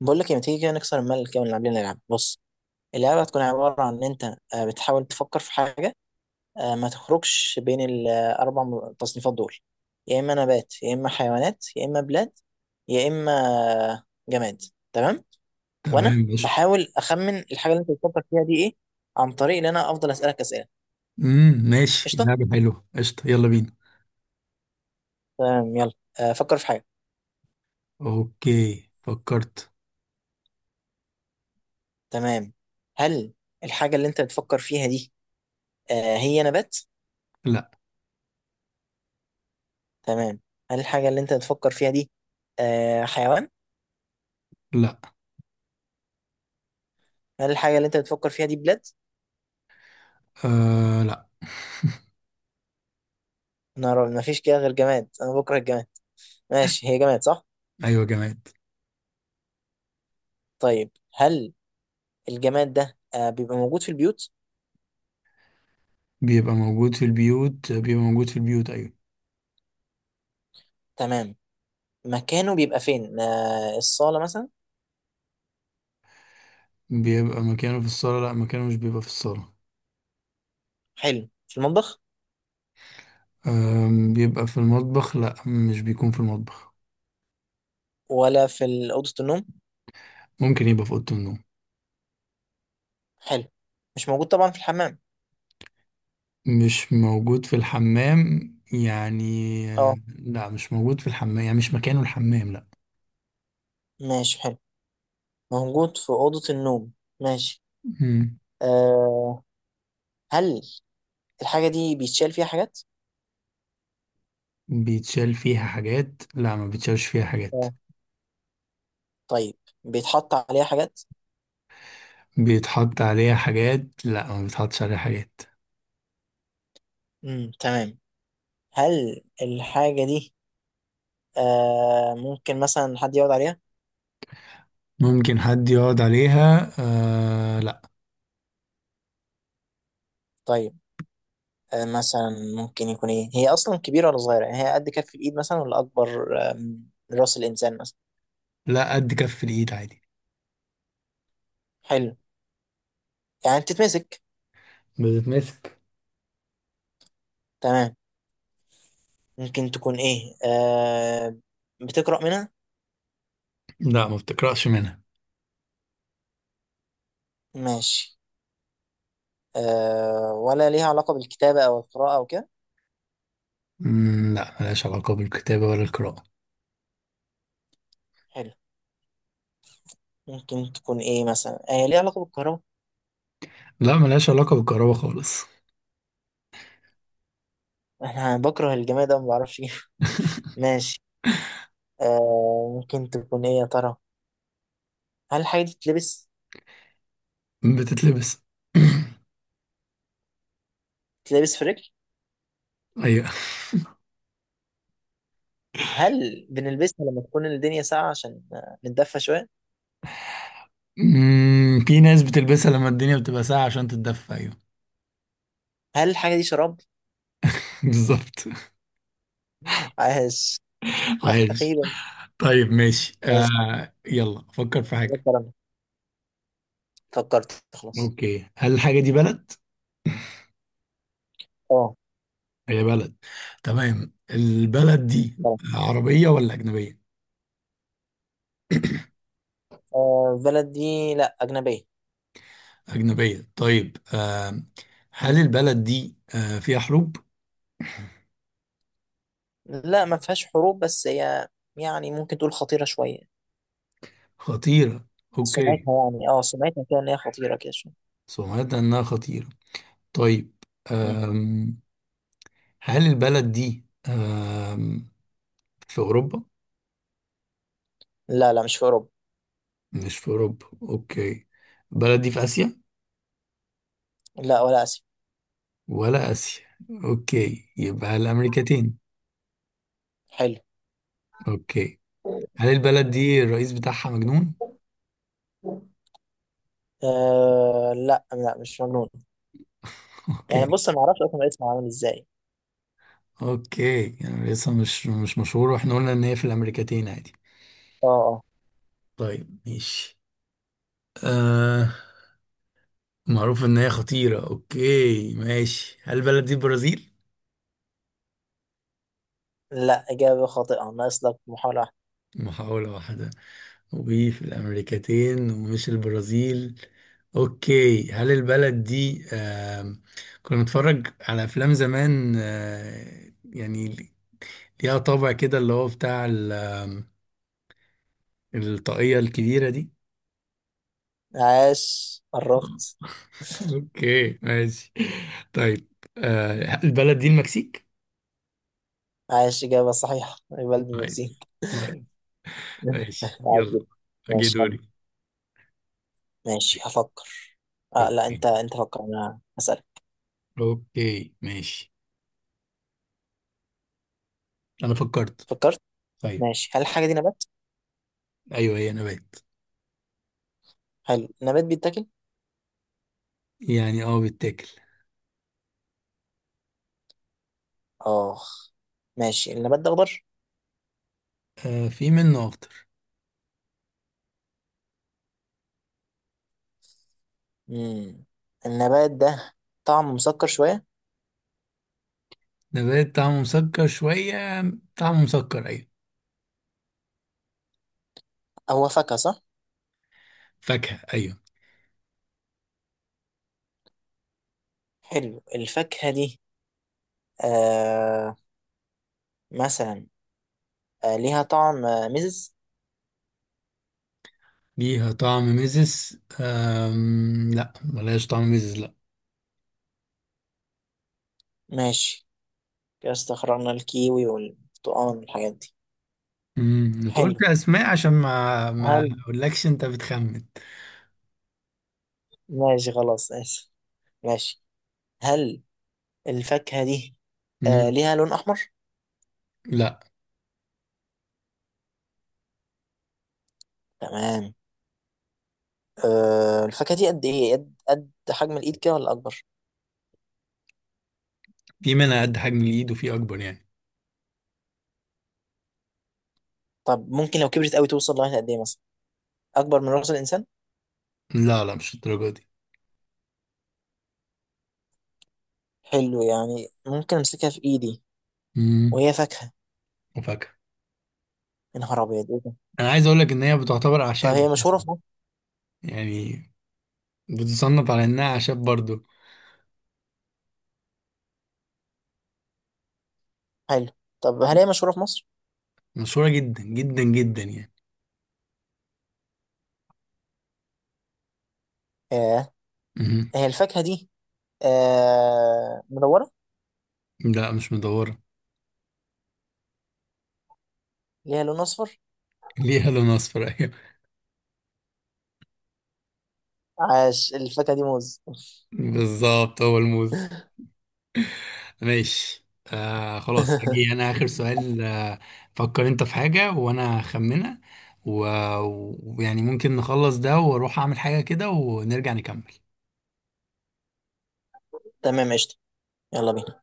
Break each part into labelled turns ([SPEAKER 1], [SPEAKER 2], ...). [SPEAKER 1] بقول لك إيه، ما تيجي كده نكسر الملل كده ونلعب لنا لعبة. بص، اللعبة هتكون عبارة عن إن أنت بتحاول تفكر في حاجة. ما تخرجش بين الأربع تصنيفات دول: يا إما نبات، يا إما حيوانات، يا إما بلاد، يا إما آه، جماد. تمام. وأنا
[SPEAKER 2] تمام، قشطة.
[SPEAKER 1] بحاول أخمن الحاجة اللي أنت بتفكر فيها دي إيه، عن طريق إن أنا أفضل أسألك أسئلة.
[SPEAKER 2] ماشي،
[SPEAKER 1] قشطة.
[SPEAKER 2] لعبة حلوة، قشطة. يلا بينا.
[SPEAKER 1] تمام يلا. فكر في حاجة.
[SPEAKER 2] اوكي، فكرت.
[SPEAKER 1] تمام. هل الحاجة اللي أنت بتفكر فيها دي هي نبات؟
[SPEAKER 2] لا.
[SPEAKER 1] تمام. هل الحاجة اللي أنت بتفكر فيها دي حيوان؟
[SPEAKER 2] لا.
[SPEAKER 1] هل الحاجة اللي أنت بتفكر فيها دي بلاد؟
[SPEAKER 2] آه، لا.
[SPEAKER 1] نار، ما فيش كده غير جماد. أنا بكره الجماد. ماشي، هي جماد صح؟
[SPEAKER 2] ايوه، جماد.
[SPEAKER 1] طيب، هل الجماد ده بيبقى موجود في البيوت؟
[SPEAKER 2] بيبقى موجود في البيوت، بيبقى موجود في البيوت، ايوه.
[SPEAKER 1] تمام. مكانه بيبقى فين؟ الصالة مثلا؟
[SPEAKER 2] بيبقى مكانه في الصالة؟ لا، مكانه مش بيبقى في الصالة.
[SPEAKER 1] حلو. في المطبخ؟
[SPEAKER 2] بيبقى في المطبخ؟ لا، مش بيكون في المطبخ.
[SPEAKER 1] ولا في أوضة النوم؟
[SPEAKER 2] ممكن يبقى في أوضة النوم.
[SPEAKER 1] حلو. مش موجود طبعا في الحمام.
[SPEAKER 2] مش موجود في الحمام، يعني.
[SPEAKER 1] اه،
[SPEAKER 2] لا، مش موجود في الحمام، يعني مش مكانه الحمام، لا.
[SPEAKER 1] ماشي حلو. موجود في أوضة النوم. ماشي.
[SPEAKER 2] مم.
[SPEAKER 1] آه هل الحاجة دي بيتشال فيها حاجات؟
[SPEAKER 2] بيتشال فيها حاجات؟ لا، ما بيتشالش فيها حاجات.
[SPEAKER 1] طيب، بيتحط عليها حاجات؟
[SPEAKER 2] بيتحط عليها حاجات؟ لا، ما بيتحطش عليها حاجات.
[SPEAKER 1] تمام. هل الحاجة دي ممكن مثلا حد يقعد عليها؟
[SPEAKER 2] ممكن حد يقعد عليها؟ لا.
[SPEAKER 1] طيب، مثلا ممكن يكون ايه؟ هي اصلا كبيرة ولا صغيرة؟ يعني هي قد كف الايد مثلا ولا اكبر من راس الانسان مثلا؟
[SPEAKER 2] لا، قد كف الايد عادي.
[SPEAKER 1] حلو. يعني بتتمسك.
[SPEAKER 2] بتتمسك.
[SPEAKER 1] تمام. ممكن تكون ايه؟ بتقرأ منها؟
[SPEAKER 2] لا، ما بتقرأش منها.
[SPEAKER 1] ماشي. ولا ليها علاقة بالكتابة او القراءة او كده؟
[SPEAKER 2] لا، ملهاش علاقة بالكتابة ولا القراءة.
[SPEAKER 1] حلو. ممكن تكون ايه مثلا؟ ليها علاقة بالكهرباء؟
[SPEAKER 2] لا، ملهاش علاقة بالكهرباء خالص.
[SPEAKER 1] انا بكره الجماد ده، ما بعرفش ايه. ماشي. ممكن تكون ايه يا ترى؟ هل الحاجة دي تلبس؟
[SPEAKER 2] بتتلبس.
[SPEAKER 1] تلبس في رجل؟
[SPEAKER 2] ايوه.
[SPEAKER 1] هل بنلبسها لما تكون الدنيا ساقعة عشان نتدفى شوية؟
[SPEAKER 2] في ناس بتلبسها لما الدنيا بتبقى ساقعة عشان تتدفى، ايوه.
[SPEAKER 1] هل الحاجة دي شراب؟
[SPEAKER 2] بالظبط.
[SPEAKER 1] عاش.
[SPEAKER 2] عايش.
[SPEAKER 1] أخيرا.
[SPEAKER 2] طيب، ماشي.
[SPEAKER 1] ماشي،
[SPEAKER 2] يلا فكر في حاجة.
[SPEAKER 1] شكراً. فكرت خلاص.
[SPEAKER 2] اوكي، هل الحاجة دي بلد؟
[SPEAKER 1] اه،
[SPEAKER 2] هي بلد. تمام، البلد دي
[SPEAKER 1] بلد.
[SPEAKER 2] عربية ولا أجنبية؟
[SPEAKER 1] بلد دي لا أجنبية.
[SPEAKER 2] أجنبية، طيب.
[SPEAKER 1] م.
[SPEAKER 2] هل البلد دي فيها حروب؟
[SPEAKER 1] لا، ما فيهاش حروب، بس هي يعني ممكن تقول خطيرة شوية.
[SPEAKER 2] خطيرة. أوكي.
[SPEAKER 1] سمعتها يعني سمعتها كده إن هي خطيرة كده شوية.
[SPEAKER 2] سمعت إنها خطيرة. طيب.
[SPEAKER 1] م.
[SPEAKER 2] آم هل البلد دي في أوروبا؟
[SPEAKER 1] لا لا، مش في أوروبا.
[SPEAKER 2] مش في أوروبا، أوكي. البلد دي في آسيا؟
[SPEAKER 1] لا، ولا آسيا.
[SPEAKER 2] ولا آسيا. أوكي، يبقى الأمريكتين.
[SPEAKER 1] حلو.
[SPEAKER 2] أوكي. هل البلد دي الرئيس بتاعها مجنون؟
[SPEAKER 1] لا لا، مش في أوروبا. يعني
[SPEAKER 2] أوكي.
[SPEAKER 1] بص، انا ما اعرفش اصلا اسمه عامل ازاي.
[SPEAKER 2] اوكي، يعني لسه مش مشهور، واحنا قلنا ان هي في الامريكتين عادي.
[SPEAKER 1] اه اه.
[SPEAKER 2] طيب، ماشي. آه معروف ان هي خطيرة. اوكي، ماشي. هل البلد دي البرازيل؟
[SPEAKER 1] لا، اجابه خاطئه، ناقص لك محاوله واحده.
[SPEAKER 2] محاولة واحدة. وفي الامريكتين ومش البرازيل. اوكي، هل البلد دي كنا نتفرج على افلام زمان، يعني ليها طابع كده، اللي هو بتاع ال- آم، الطاقية الكبيرة دي.
[SPEAKER 1] عاش، قربت.
[SPEAKER 2] اوكي، ماشي، طيب. البلد دي المكسيك.
[SPEAKER 1] عاش، اجابه صحيحه، بلد
[SPEAKER 2] عايز.
[SPEAKER 1] المكسيك.
[SPEAKER 2] طيب، ماشي،
[SPEAKER 1] عاش
[SPEAKER 2] يلا.
[SPEAKER 1] جدا.
[SPEAKER 2] اجي
[SPEAKER 1] ماشي
[SPEAKER 2] دوري.
[SPEAKER 1] يلا. ماشي، هفكر. لا، انت
[SPEAKER 2] اوكي.
[SPEAKER 1] انت فكر، انا هسألك.
[SPEAKER 2] اوكي، ماشي. انا فكرت.
[SPEAKER 1] فكرت.
[SPEAKER 2] طيب.
[SPEAKER 1] ماشي، هل الحاجه دي نبات؟
[SPEAKER 2] ايوه، هي نبات.
[SPEAKER 1] هل النبات بيتاكل؟
[SPEAKER 2] يعني بيتاكل.
[SPEAKER 1] اه، ماشي. النبات ده اخضر؟
[SPEAKER 2] آه، في منه اخضر.
[SPEAKER 1] امم النبات ده طعمه مسكر شويه؟
[SPEAKER 2] نبات طعمه مسكر شويه. طعمه مسكر، ايوه.
[SPEAKER 1] هو فاكهه صح؟
[SPEAKER 2] فاكهه، ايوه.
[SPEAKER 1] حلو. الفاكهه دي آه مثلا ليها طعم مزز؟
[SPEAKER 2] ليها طعم مزز؟ لا، ملهاش طعم مزز، لا.
[SPEAKER 1] ماشي. كده استخرجنا الكيوي والبرتقال والحاجات دي.
[SPEAKER 2] انت قلت
[SPEAKER 1] حلو.
[SPEAKER 2] اسماء عشان ما
[SPEAKER 1] هل
[SPEAKER 2] اقولكش، انت بتخمن.
[SPEAKER 1] ماشي خلاص، آسف. ماشي. هل الفاكهة دي
[SPEAKER 2] امم.
[SPEAKER 1] ليها لون أحمر؟
[SPEAKER 2] لا،
[SPEAKER 1] تمام. الفاكهة دي قد إيه؟ قد حجم الإيد كده ولا أكبر؟
[SPEAKER 2] في منها قد حجم الايد وفي اكبر، يعني.
[SPEAKER 1] طب ممكن لو كبرت قوي توصل لغاية قد إيه مثلا؟ أكبر من رأس الإنسان؟
[SPEAKER 2] لا، لا، مش الدرجه دي.
[SPEAKER 1] حلو، يعني ممكن أمسكها في إيدي،
[SPEAKER 2] امم.
[SPEAKER 1] وهي فاكهة.
[SPEAKER 2] وفاكهه.
[SPEAKER 1] يا نهار أبيض، إيه ده؟
[SPEAKER 2] انا عايز اقول لك ان هي بتعتبر
[SPEAKER 1] طب
[SPEAKER 2] اعشاب
[SPEAKER 1] هي
[SPEAKER 2] اساسا.
[SPEAKER 1] مشهورة في مصر؟
[SPEAKER 2] يعني بتصنف على انها اعشاب برضو.
[SPEAKER 1] حلو. طب هل هي مشهورة في مصر؟
[SPEAKER 2] مشهوره جدا جدا جدا، يعني.
[SPEAKER 1] آه
[SPEAKER 2] امم.
[SPEAKER 1] هي الفاكهة دي مدورة؟
[SPEAKER 2] لا، مش مدوره.
[SPEAKER 1] ليها لون أصفر؟
[SPEAKER 2] ليها لون اصفر، ايوه.
[SPEAKER 1] عاش، الفاكهة دي موز.
[SPEAKER 2] بالظبط، هو الموز. ماشي. خلاص، اجي انا اخر سؤال. فكر انت في حاجه وانا اخمنها. ويعني ممكن نخلص ده واروح اعمل حاجه كده ونرجع نكمل.
[SPEAKER 1] تمام قشطة. يلا بينا.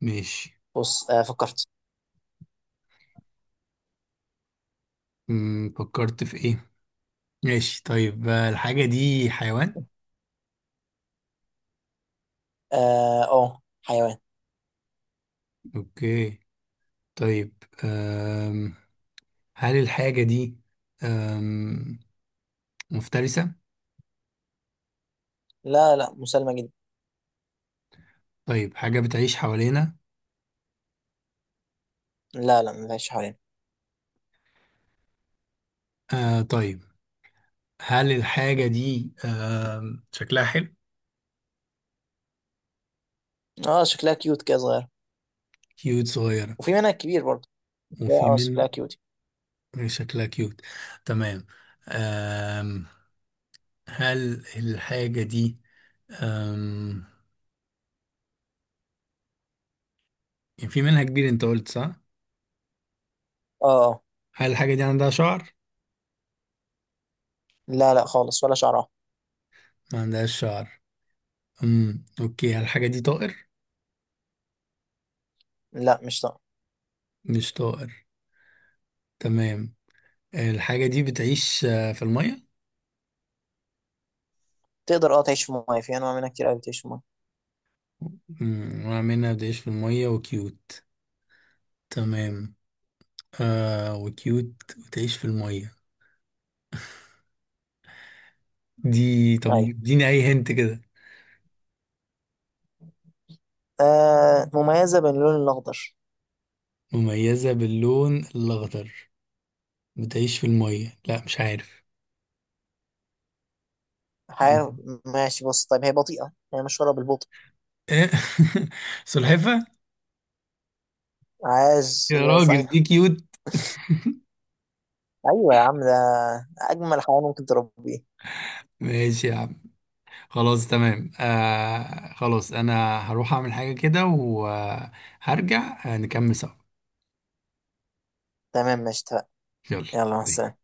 [SPEAKER 2] ماشي.
[SPEAKER 1] بص، فكرت.
[SPEAKER 2] فكرت في ايه؟ ماشي، طيب. الحاجة دي حيوان؟
[SPEAKER 1] اه، أوه، حيوان.
[SPEAKER 2] اوكي. طيب، هل الحاجة دي أم... مفترسة؟
[SPEAKER 1] لا لا، مسالمة جدا.
[SPEAKER 2] طيب، حاجة بتعيش حوالينا؟
[SPEAKER 1] لا لا، ما فيهاش حوالينا.
[SPEAKER 2] آه، طيب. هل الحاجة دي شكلها حلو؟
[SPEAKER 1] اه، شكلها كيوت كده، صغير.
[SPEAKER 2] كيوت، صغيرة.
[SPEAKER 1] وفي منها كبير برضه. لا،
[SPEAKER 2] وفي
[SPEAKER 1] اه، شكلها
[SPEAKER 2] من.
[SPEAKER 1] كيوت.
[SPEAKER 2] شكلها كيوت. تمام. أم... هل الحاجة دي أم... يعني في منها كبير، انت قلت، صح؟
[SPEAKER 1] اه اه.
[SPEAKER 2] هل الحاجة دي عندها شعر؟
[SPEAKER 1] لا لا خالص، ولا شعرها.
[SPEAKER 2] ما عندهاش شعر. اوكي، الحاجة دي طائر؟
[SPEAKER 1] لا، مش طاقة.
[SPEAKER 2] مش طائر. تمام. الحاجة دي بتعيش في المية؟
[SPEAKER 1] تقدر تعيش في المايه، في انواع منها كتير قوي بتعيش في المايه.
[SPEAKER 2] نوع منها بتعيش في المية وكيوت. تمام. وكيوت وتعيش في المية. دي، طب
[SPEAKER 1] ايوه.
[SPEAKER 2] اديني اي هنت كده.
[SPEAKER 1] مميزة باللون الاخضر.
[SPEAKER 2] مميزة باللون الأخضر. بتعيش في المية، لا مش عارف. إيه؟
[SPEAKER 1] حيوان. ماشي بص، طيب هي بطيئة، هي مشهورة بالبطء.
[SPEAKER 2] سلحفة.
[SPEAKER 1] عاش،
[SPEAKER 2] يا
[SPEAKER 1] ايوه
[SPEAKER 2] راجل، دي
[SPEAKER 1] صحيح.
[SPEAKER 2] كيوت.
[SPEAKER 1] ايوه يا عم، ده اجمل حيوان ممكن تربيه.
[SPEAKER 2] ماشي، يا عم. خلاص، تمام. خلاص انا هروح اعمل حاجة كده وهرجع، نكمل سوا.
[SPEAKER 1] تمام ماشي، اتفقنا. يلا مع السلامة.
[SPEAKER 2] يلا.